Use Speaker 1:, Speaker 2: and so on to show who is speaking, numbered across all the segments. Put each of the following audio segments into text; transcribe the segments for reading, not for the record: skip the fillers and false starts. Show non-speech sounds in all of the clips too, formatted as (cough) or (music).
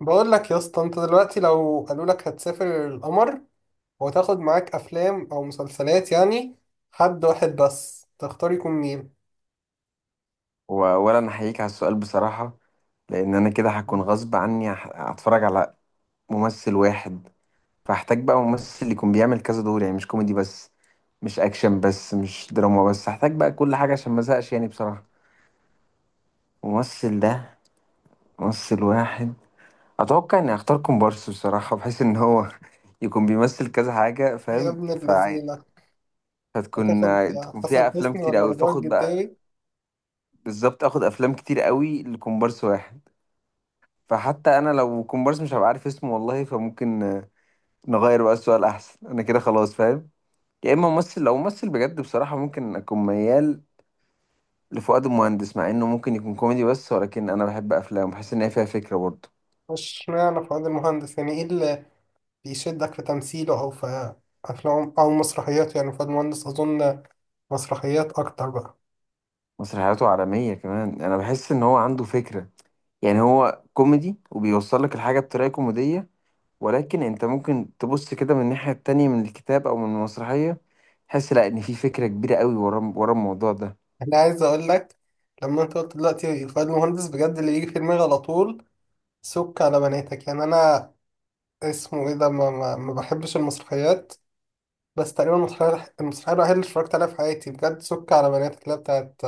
Speaker 1: بقول لك يا اسطى، انت دلوقتي لو قالوا لك هتسافر القمر وتاخد معاك افلام او مسلسلات، يعني حد واحد بس تختار، يكون مين؟
Speaker 2: وأولا أنا أحييك على السؤال بصراحة، لأن أنا كده هكون غصب عني هتفرج على ممثل واحد. فهحتاج بقى ممثل يكون بيعمل كذا دور، يعني مش كوميدي بس، مش أكشن بس، مش دراما بس، هحتاج بقى كل حاجة عشان ما أزهقش، يعني بصراحة ممثل ده، ممثل واحد. أتوقع إني أختار كومبارس بصراحة، بحيث إن هو (laughs) يكون بيمثل كذا حاجة،
Speaker 1: يا
Speaker 2: فاهم؟
Speaker 1: ابن
Speaker 2: فعادي
Speaker 1: اللذينة
Speaker 2: هتكون
Speaker 1: هتاخد
Speaker 2: تكون فيها
Speaker 1: حسن
Speaker 2: أفلام
Speaker 1: حسني
Speaker 2: كتير
Speaker 1: ولا
Speaker 2: أوي،
Speaker 1: رجاء
Speaker 2: فاخد بقى
Speaker 1: الجداوي؟
Speaker 2: بالظبط آخد أفلام كتير أوي لكومبارس واحد. فحتى انا لو كومبارس مش هبقى عارف اسمه والله، فممكن نغير بقى السؤال احسن، انا كده خلاص فاهم. يا اما ممثل، لو ممثل بجد بصراحة، ممكن اكون ميال لفؤاد المهندس، مع انه ممكن يكون كوميدي بس، ولكن انا بحب افلامه، بحس ان هي فيها فكرة برضه.
Speaker 1: مش معنى فؤاد المهندس، يعني ايه اللي بيشدك في تمثيله او في افلام او مسرحياته؟ يعني فؤاد المهندس اظن مسرحيات اكتر بقى.
Speaker 2: مسرحياته عالمية كمان، انا بحس ان هو عنده فكرة. يعني هو كوميدي وبيوصل لك الحاجة بطريقة كوميدية، ولكن انت ممكن تبص كده من الناحية التانية، من الكتاب او من المسرحية، تحس لا ان في فكرة كبيرة قوي ورا الموضوع ده.
Speaker 1: انا عايز اقول لك، لما انت قلت دلوقتي فؤاد المهندس بجد اللي يجي في دماغي على طول سك على بناتك. يعني انا اسمه ايه ده ما بحبش المسرحيات، بس تقريبا المسرحية الوحيدة اللي اتفرجت عليها في حياتي بجد سك على بنات، اللي هي بتاعت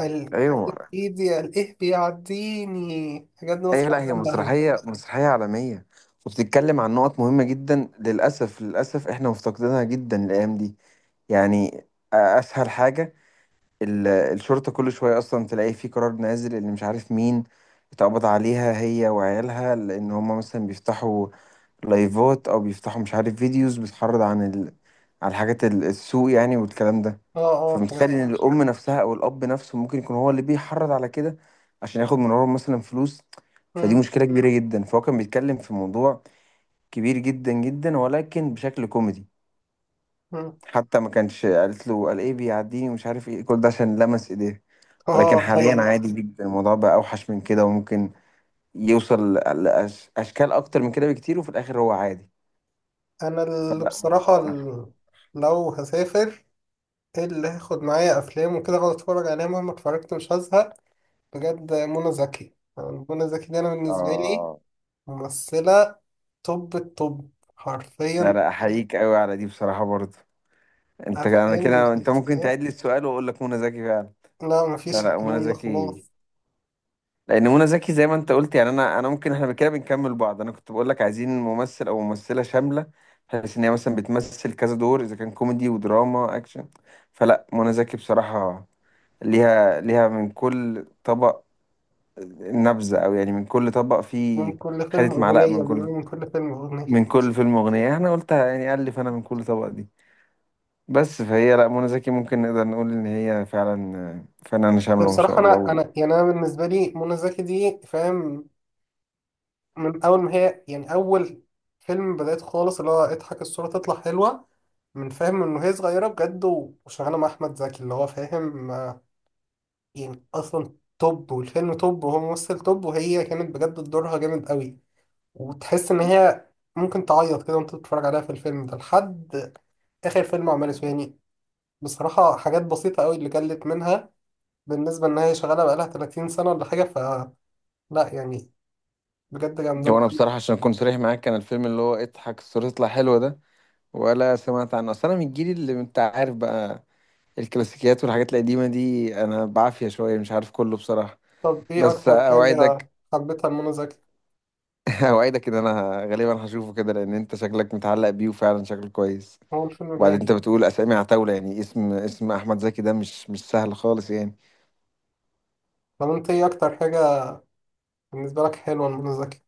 Speaker 1: ال-
Speaker 2: ايوه.
Speaker 1: ايدي الايه بيعديني، بجد
Speaker 2: ايه، لا
Speaker 1: مسرحية
Speaker 2: هي
Speaker 1: جامدة أوي.
Speaker 2: مسرحية عالمية، وبتتكلم عن نقط مهمة جدا. للأسف للأسف احنا مفتقدينها جدا الأيام دي. يعني أسهل حاجة، الشرطة كل شوية أصلا تلاقي في قرار نازل اللي مش عارف مين اتقبض عليها هي وعيالها، لأن هما مثلا بيفتحوا لايفات او بيفتحوا مش عارف فيديوز بتحرض عن عن حاجات السوق يعني، والكلام ده.
Speaker 1: اه. اه بجد.
Speaker 2: فمتخيل ان الام نفسها او الاب نفسه ممكن يكون هو اللي بيحرض على كده، عشان ياخد من وراهم مثلا فلوس. فدي
Speaker 1: مم،
Speaker 2: مشكلة كبيرة جدا. فهو كان بيتكلم في موضوع كبير جدا جدا، ولكن بشكل كوميدي.
Speaker 1: مم.
Speaker 2: حتى ما كانش قالت له قال ايه بيعديني، ومش عارف ايه كل ده عشان لمس ايديه. ولكن
Speaker 1: اه
Speaker 2: حاليا
Speaker 1: هي.
Speaker 2: عادي جدا الموضوع، بقى اوحش من كده، وممكن يوصل اشكال اكتر من كده بكتير، وفي الاخر هو عادي.
Speaker 1: انا اللي
Speaker 2: فلا.
Speaker 1: بصراحة لو هسافر، إيه اللي هاخد معايا افلام وكده اقعد اتفرج عليها مهما اتفرجت مش هزهق؟ بجد منى زكي، يعني منى زكي دي انا بالنسبة لي
Speaker 2: اه.
Speaker 1: ممثلة توب التوب
Speaker 2: ده
Speaker 1: حرفيا.
Speaker 2: لا احييك قوي على دي بصراحة برضه. انت انا
Speaker 1: أفلام
Speaker 2: كده، انت ممكن
Speaker 1: ومسلسلات،
Speaker 2: تعيد لي السؤال واقول لك منى زكي فعلا.
Speaker 1: لا
Speaker 2: لا
Speaker 1: مفيش
Speaker 2: لا، منى
Speaker 1: الكلام ده
Speaker 2: زكي،
Speaker 1: خلاص.
Speaker 2: لان منى زكي زي ما انت قلت، يعني انا ممكن احنا كده بنكمل بعض. انا كنت بقول لك عايزين ممثل او ممثلة شاملة، بحيث ان هي مثلا بتمثل كذا دور، اذا كان كوميدي ودراما اكشن. فلا، منى زكي بصراحة ليها من كل طبق نبذة، او يعني من كل طبق
Speaker 1: من
Speaker 2: فيه
Speaker 1: كل فيلم
Speaker 2: خدت معلقة.
Speaker 1: أغنية،
Speaker 2: من كل،
Speaker 1: بيقولوا من كل فيلم أغنية.
Speaker 2: من كل فيلم أغنية، انا قلتها يعني، ألف، انا من كل طبق دي بس. فهي لا، منى زكي ممكن نقدر نقول ان هي فعلا فنانة شاملة ما شاء
Speaker 1: بصراحة
Speaker 2: الله.
Speaker 1: أنا
Speaker 2: و...
Speaker 1: أنا يعني أنا بالنسبة لي منى زكي دي فاهم؟ من أول ما هي يعني أول فيلم بدأت خالص اللي هو اضحك الصورة تطلع حلوة، من فاهم إنه هي صغيرة بجد وشغالة مع أحمد زكي اللي هو فاهم يعني أصلا توب، والفيلم توب، وهو ممثل توب، وهي كانت بجد دورها جامد قوي. وتحس إن هي ممكن تعيط كده وأنت بتتفرج عليها في الفيلم ده لحد آخر فيلم عمله يعني. بصراحة حاجات بسيطة قوي اللي قلت منها، بالنسبة إن هي شغالة بقالها 30 سنة ولا حاجة، فلا، يعني بجد جامدة.
Speaker 2: وانا بصراحة عشان اكون صريح معاك، كان الفيلم اللي هو اضحك الصورة تطلع حلوة ده، ولا سمعت عنه. اصل انا من الجيل اللي انت عارف بقى، الكلاسيكيات والحاجات القديمة دي انا بعافية شوية، مش عارف كله بصراحة.
Speaker 1: طب إيه
Speaker 2: بس
Speaker 1: أكتر حاجة
Speaker 2: اوعدك،
Speaker 1: حبيتها لمنى زكي؟
Speaker 2: (laughs) اوعدك ان انا غالبا هشوفه كده، لان انت شكلك متعلق بيه، وفعلا شكله كويس.
Speaker 1: هو الفيلم
Speaker 2: وبعدين انت
Speaker 1: جامد.
Speaker 2: بتقول اسامي عتاولة، يعني اسم احمد زكي ده مش سهل خالص يعني.
Speaker 1: طب أنت إيه أكتر حاجة بالنسبة لك حلوة لمنى زكي؟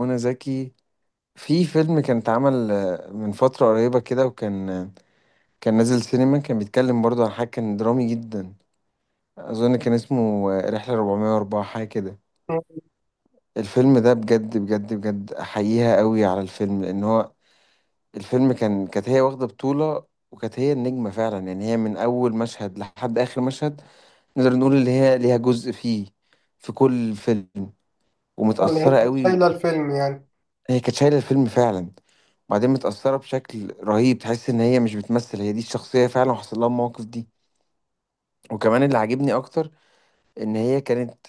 Speaker 2: منى زكي في فيلم كان اتعمل من فترة قريبة كده، وكان كان نازل سينما، كان بيتكلم برضه عن حاجة، كان درامي جدا. أظن كان اسمه رحلة 404 حاجة كده.
Speaker 1: مم.
Speaker 2: الفيلم ده بجد بجد بجد أحييها قوي على الفيلم، لأن هو الفيلم كان، كانت هي واخدة بطولة، وكانت هي النجمة فعلا. يعني هي من أول مشهد لحد آخر مشهد، نقدر نقول اللي هي ليها جزء فيه في كل فيلم.
Speaker 1: آه، اللي هي
Speaker 2: ومتأثرة
Speaker 1: كانت
Speaker 2: قوي.
Speaker 1: شايلة الفيلم يعني.
Speaker 2: هي كانت شايله الفيلم فعلا، وبعدين متاثره بشكل رهيب، تحس ان هي مش بتمثل، هي دي الشخصيه فعلا، وحصل لها المواقف دي. وكمان اللي عاجبني اكتر، ان هي كانت،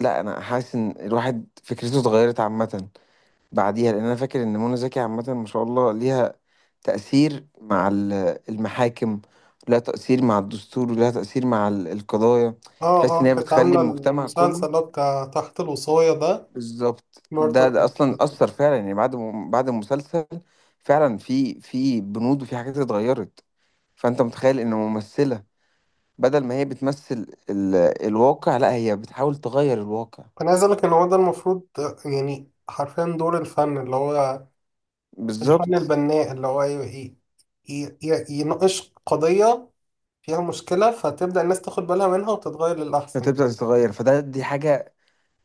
Speaker 2: لا انا حاسس ان الواحد فكرته اتغيرت عامه بعديها. لان انا فاكر ان منى زكي عامه ما شاء الله ليها تأثير مع المحاكم، لها تأثير مع الدستور، ولها تأثير مع القضايا.
Speaker 1: آه
Speaker 2: تحس إن
Speaker 1: آه
Speaker 2: هي
Speaker 1: كانت
Speaker 2: بتخلي
Speaker 1: عاملة
Speaker 2: المجتمع
Speaker 1: المسلسل
Speaker 2: كله،
Speaker 1: اللي هو بتاع تحت الوصاية ده.
Speaker 2: بالظبط.
Speaker 1: برضه
Speaker 2: ده
Speaker 1: كنت.
Speaker 2: اصلا اثر فعلا، يعني بعد بعد المسلسل فعلا في بنود وفي حاجات اتغيرت. فانت متخيل ان ممثله بدل ما هي بتمثل الواقع، لا هي بتحاول تغير الواقع.
Speaker 1: أنا عايز أقولك إن هو ده المفروض، يعني حرفيا دور الفن، اللي هو الفن
Speaker 2: بالظبط،
Speaker 1: البناء، اللي هو يناقش قضية فيها مشكلة فتبدأ الناس تاخد بالها منها وتتغير للأحسن
Speaker 2: فتبدا
Speaker 1: يعني.
Speaker 2: تتغير، فده دي حاجه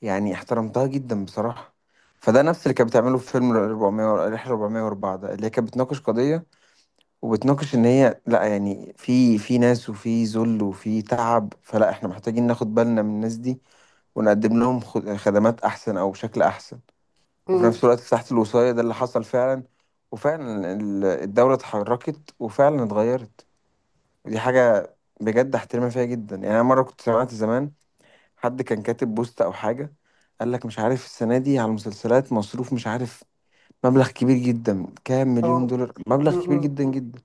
Speaker 2: يعني احترمتها جدا بصراحه. فده نفس اللي كانت بتعمله في فيلم رحله 404 ده، اللي هي كانت بتناقش قضيه، وبتناقش ان هي لا يعني في ناس، وفي ذل، وفي تعب. فلا احنا محتاجين ناخد بالنا من الناس دي، ونقدم لهم خدمات احسن، او بشكل احسن. وفي
Speaker 1: أمم،
Speaker 2: نفس الوقت تحت الوصاية ده اللي حصل فعلا، وفعلا الدولة اتحركت وفعلا اتغيرت. ودي حاجة بجد احترمها فيها جدا. يعني انا مرة كنت سمعت زمان حد كان كاتب بوست او حاجة، قال لك مش عارف السنة دي على المسلسلات مصروف، مش عارف مبلغ كبير جدا، كام مليون
Speaker 1: آه،
Speaker 2: دولار، مبلغ كبير
Speaker 1: أمم،
Speaker 2: جدا جدا.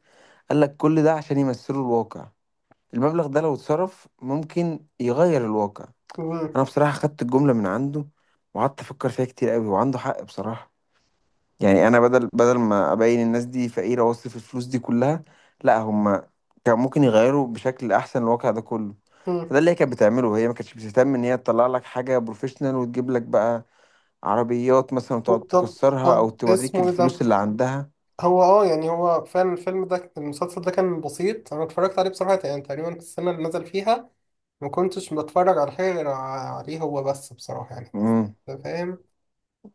Speaker 2: قال لك كل ده عشان يمثلوا الواقع، المبلغ ده لو اتصرف ممكن يغير الواقع.
Speaker 1: أمم،
Speaker 2: انا بصراحه خدت الجمله من عنده، وقعدت افكر فيها كتير قوي، وعنده حق بصراحه. يعني انا بدل ما ابين الناس دي فقيره واصرف الفلوس دي كلها، لا هم كان ممكن يغيروا بشكل احسن الواقع ده كله.
Speaker 1: أمم.
Speaker 2: فده اللي هي كانت بتعمله، هي ما كانتش بتهتم ان هي تطلع لك حاجه بروفيشنال، وتجيب لك بقى عربيات مثلا وتقعد
Speaker 1: طب
Speaker 2: تكسرها، او
Speaker 1: طب
Speaker 2: توريك
Speaker 1: اسمه إيه
Speaker 2: الفلوس
Speaker 1: ده؟
Speaker 2: اللي عندها.
Speaker 1: هو اه يعني هو فعلا الفيلم ده المسلسل ده كان بسيط، أنا اتفرجت عليه بصراحة يعني تقريبا في السنة اللي نزل فيها ما كنتش بتفرج على حاجة غير عليه هو بس، بصراحة يعني.
Speaker 2: امم.
Speaker 1: أنت فاهم؟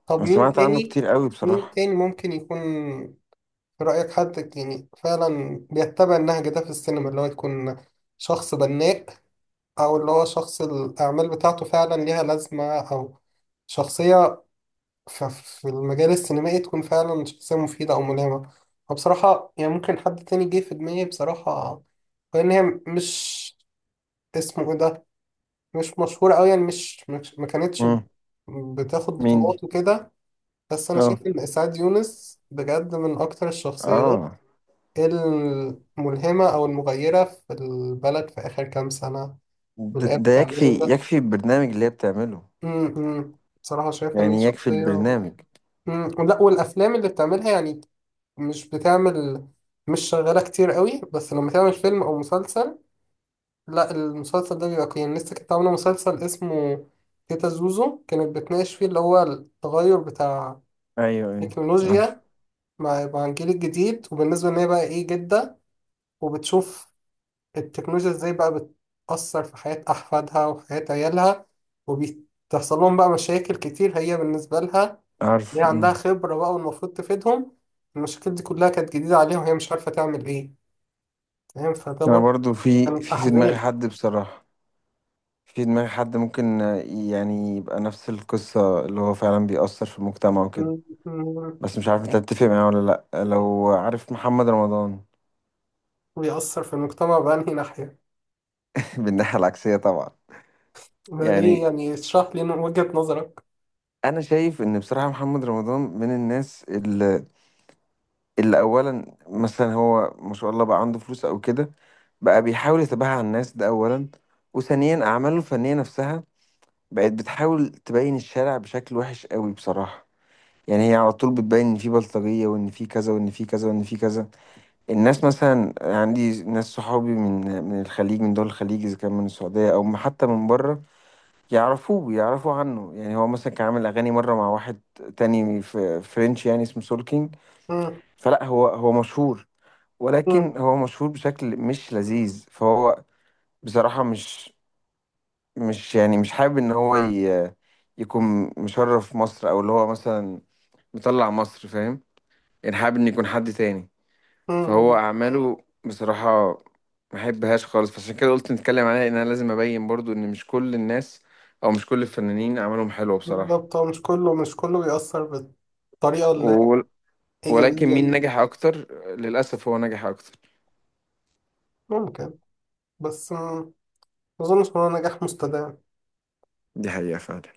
Speaker 1: طب
Speaker 2: انا
Speaker 1: مين
Speaker 2: سمعت عنه
Speaker 1: تاني؟
Speaker 2: كتير قوي
Speaker 1: مين
Speaker 2: بصراحه.
Speaker 1: تاني ممكن يكون في رأيك حد يعني فعلا بيتبع النهج ده في السينما، اللي هو يكون شخص بناء، أو اللي هو شخص الأعمال بتاعته فعلا ليها لازمة، أو شخصية في المجال السينمائي تكون فعلا شخصية مفيدة أو ملهمة؟ وبصراحة يعني ممكن حد تاني جه في دماغي بصراحة، لأن هي مش اسمه إيه ده، مش مشهورة أوي يعني ما كانتش
Speaker 2: امم.
Speaker 1: بتاخد
Speaker 2: مين دي؟
Speaker 1: بطولات وكده. بس أنا
Speaker 2: اه،
Speaker 1: شايف إن إسعاد يونس بجد من أكتر الشخصيات،
Speaker 2: اه،
Speaker 1: إيه، الملهمة أو المغيرة في البلد في آخر كام سنة
Speaker 2: ده
Speaker 1: واللي هي
Speaker 2: ده يكفي.
Speaker 1: بتعمله ده.
Speaker 2: يكفي البرنامج اللي هي بتعمله.
Speaker 1: بصراحة شايفة إن هي
Speaker 2: يعني يكفي
Speaker 1: شخصية.
Speaker 2: البرنامج.
Speaker 1: لا، والأفلام اللي بتعملها يعني مش بتعمل، مش شغالة كتير قوي، بس لما تعمل فيلم أو مسلسل لا، المسلسل ده بيبقى قيم. لسه كانت عاملة مسلسل اسمه تيتا زوزو، كانت بتناقش فيه اللي هو التغير بتاع
Speaker 2: ايوه، ايوه عارف.
Speaker 1: التكنولوجيا مع مع الجيل الجديد، وبالنسبة إن هي بقى إيه جدة، وبتشوف التكنولوجيا ازاي بقى بتأثر في حياة أحفادها وحياة عيالها، وبتحصل لهم بقى مشاكل كتير هي بالنسبة لها ليه
Speaker 2: عارف.
Speaker 1: عندها
Speaker 2: مم.
Speaker 1: خبرة بقى والمفروض تفيدهم، المشاكل دي كلها كانت جديدة عليها وهي مش عارفة تعمل إيه. فاهم؟ فده
Speaker 2: انا
Speaker 1: برضه
Speaker 2: برضو في في
Speaker 1: كان
Speaker 2: في دماغي
Speaker 1: أحزان.
Speaker 2: حد بصراحة. في دماغي حد ممكن يعني يبقى نفس القصة اللي هو فعلا بيأثر في المجتمع وكده.
Speaker 1: م- م-
Speaker 2: بس مش عارف انت هتتفق معايا ولا لأ، لو عارف محمد رمضان.
Speaker 1: بيأثر في المجتمع بأنهي ناحية؟
Speaker 2: (laughs) بالناحية العكسية طبعا.
Speaker 1: ده ليه؟
Speaker 2: يعني
Speaker 1: يعني اشرح لي وجهة نظرك.
Speaker 2: انا شايف ان بصراحة محمد رمضان من الناس اللي اولا مثلا هو ما شاء الله بقى عنده فلوس او كده، بقى بيحاول يتباهى على الناس، ده اولا. وثانيا اعماله الفنية نفسها بقت بتحاول تبين الشارع بشكل وحش قوي بصراحة. يعني هي على طول بتبين ان في بلطجية، وان في كذا، وان في كذا، وان في كذا. الناس مثلا، يعني عندي ناس صحابي من الخليج، من دول الخليج، اذا كان من السعودية او حتى من بره، يعرفوه، يعرفوا عنه. يعني هو مثلا كان عامل اغاني مرة مع واحد تاني في فرنش، يعني اسمه سولكينج.
Speaker 1: م-
Speaker 2: فلا هو، هو مشهور،
Speaker 1: م-
Speaker 2: ولكن هو مشهور بشكل مش لذيذ. فهو بصراحة مش يعني مش حابب ان هو يكون مشرف مصر، او اللي هو مثلا مطلع مصر، فاهم؟ يعني حابب ان يكون حد تاني.
Speaker 1: م-
Speaker 2: فهو اعماله بصراحة ما احبهاش خالص، فعشان كده قلت نتكلم عليها، ان انا لازم ابين برضو ان مش كل الناس، او مش كل الفنانين اعمالهم حلوة بصراحة.
Speaker 1: بالظبط، هو مش كله، مش كله بيأثر بالطريقة
Speaker 2: و... ولكن
Speaker 1: الإيجابية
Speaker 2: مين
Speaker 1: دي.
Speaker 2: نجح اكتر؟ للاسف هو نجح اكتر.
Speaker 1: ممكن، بس ما أظنش إن هو نجاح مستدام.
Speaker 2: دي حقيقة فعلا.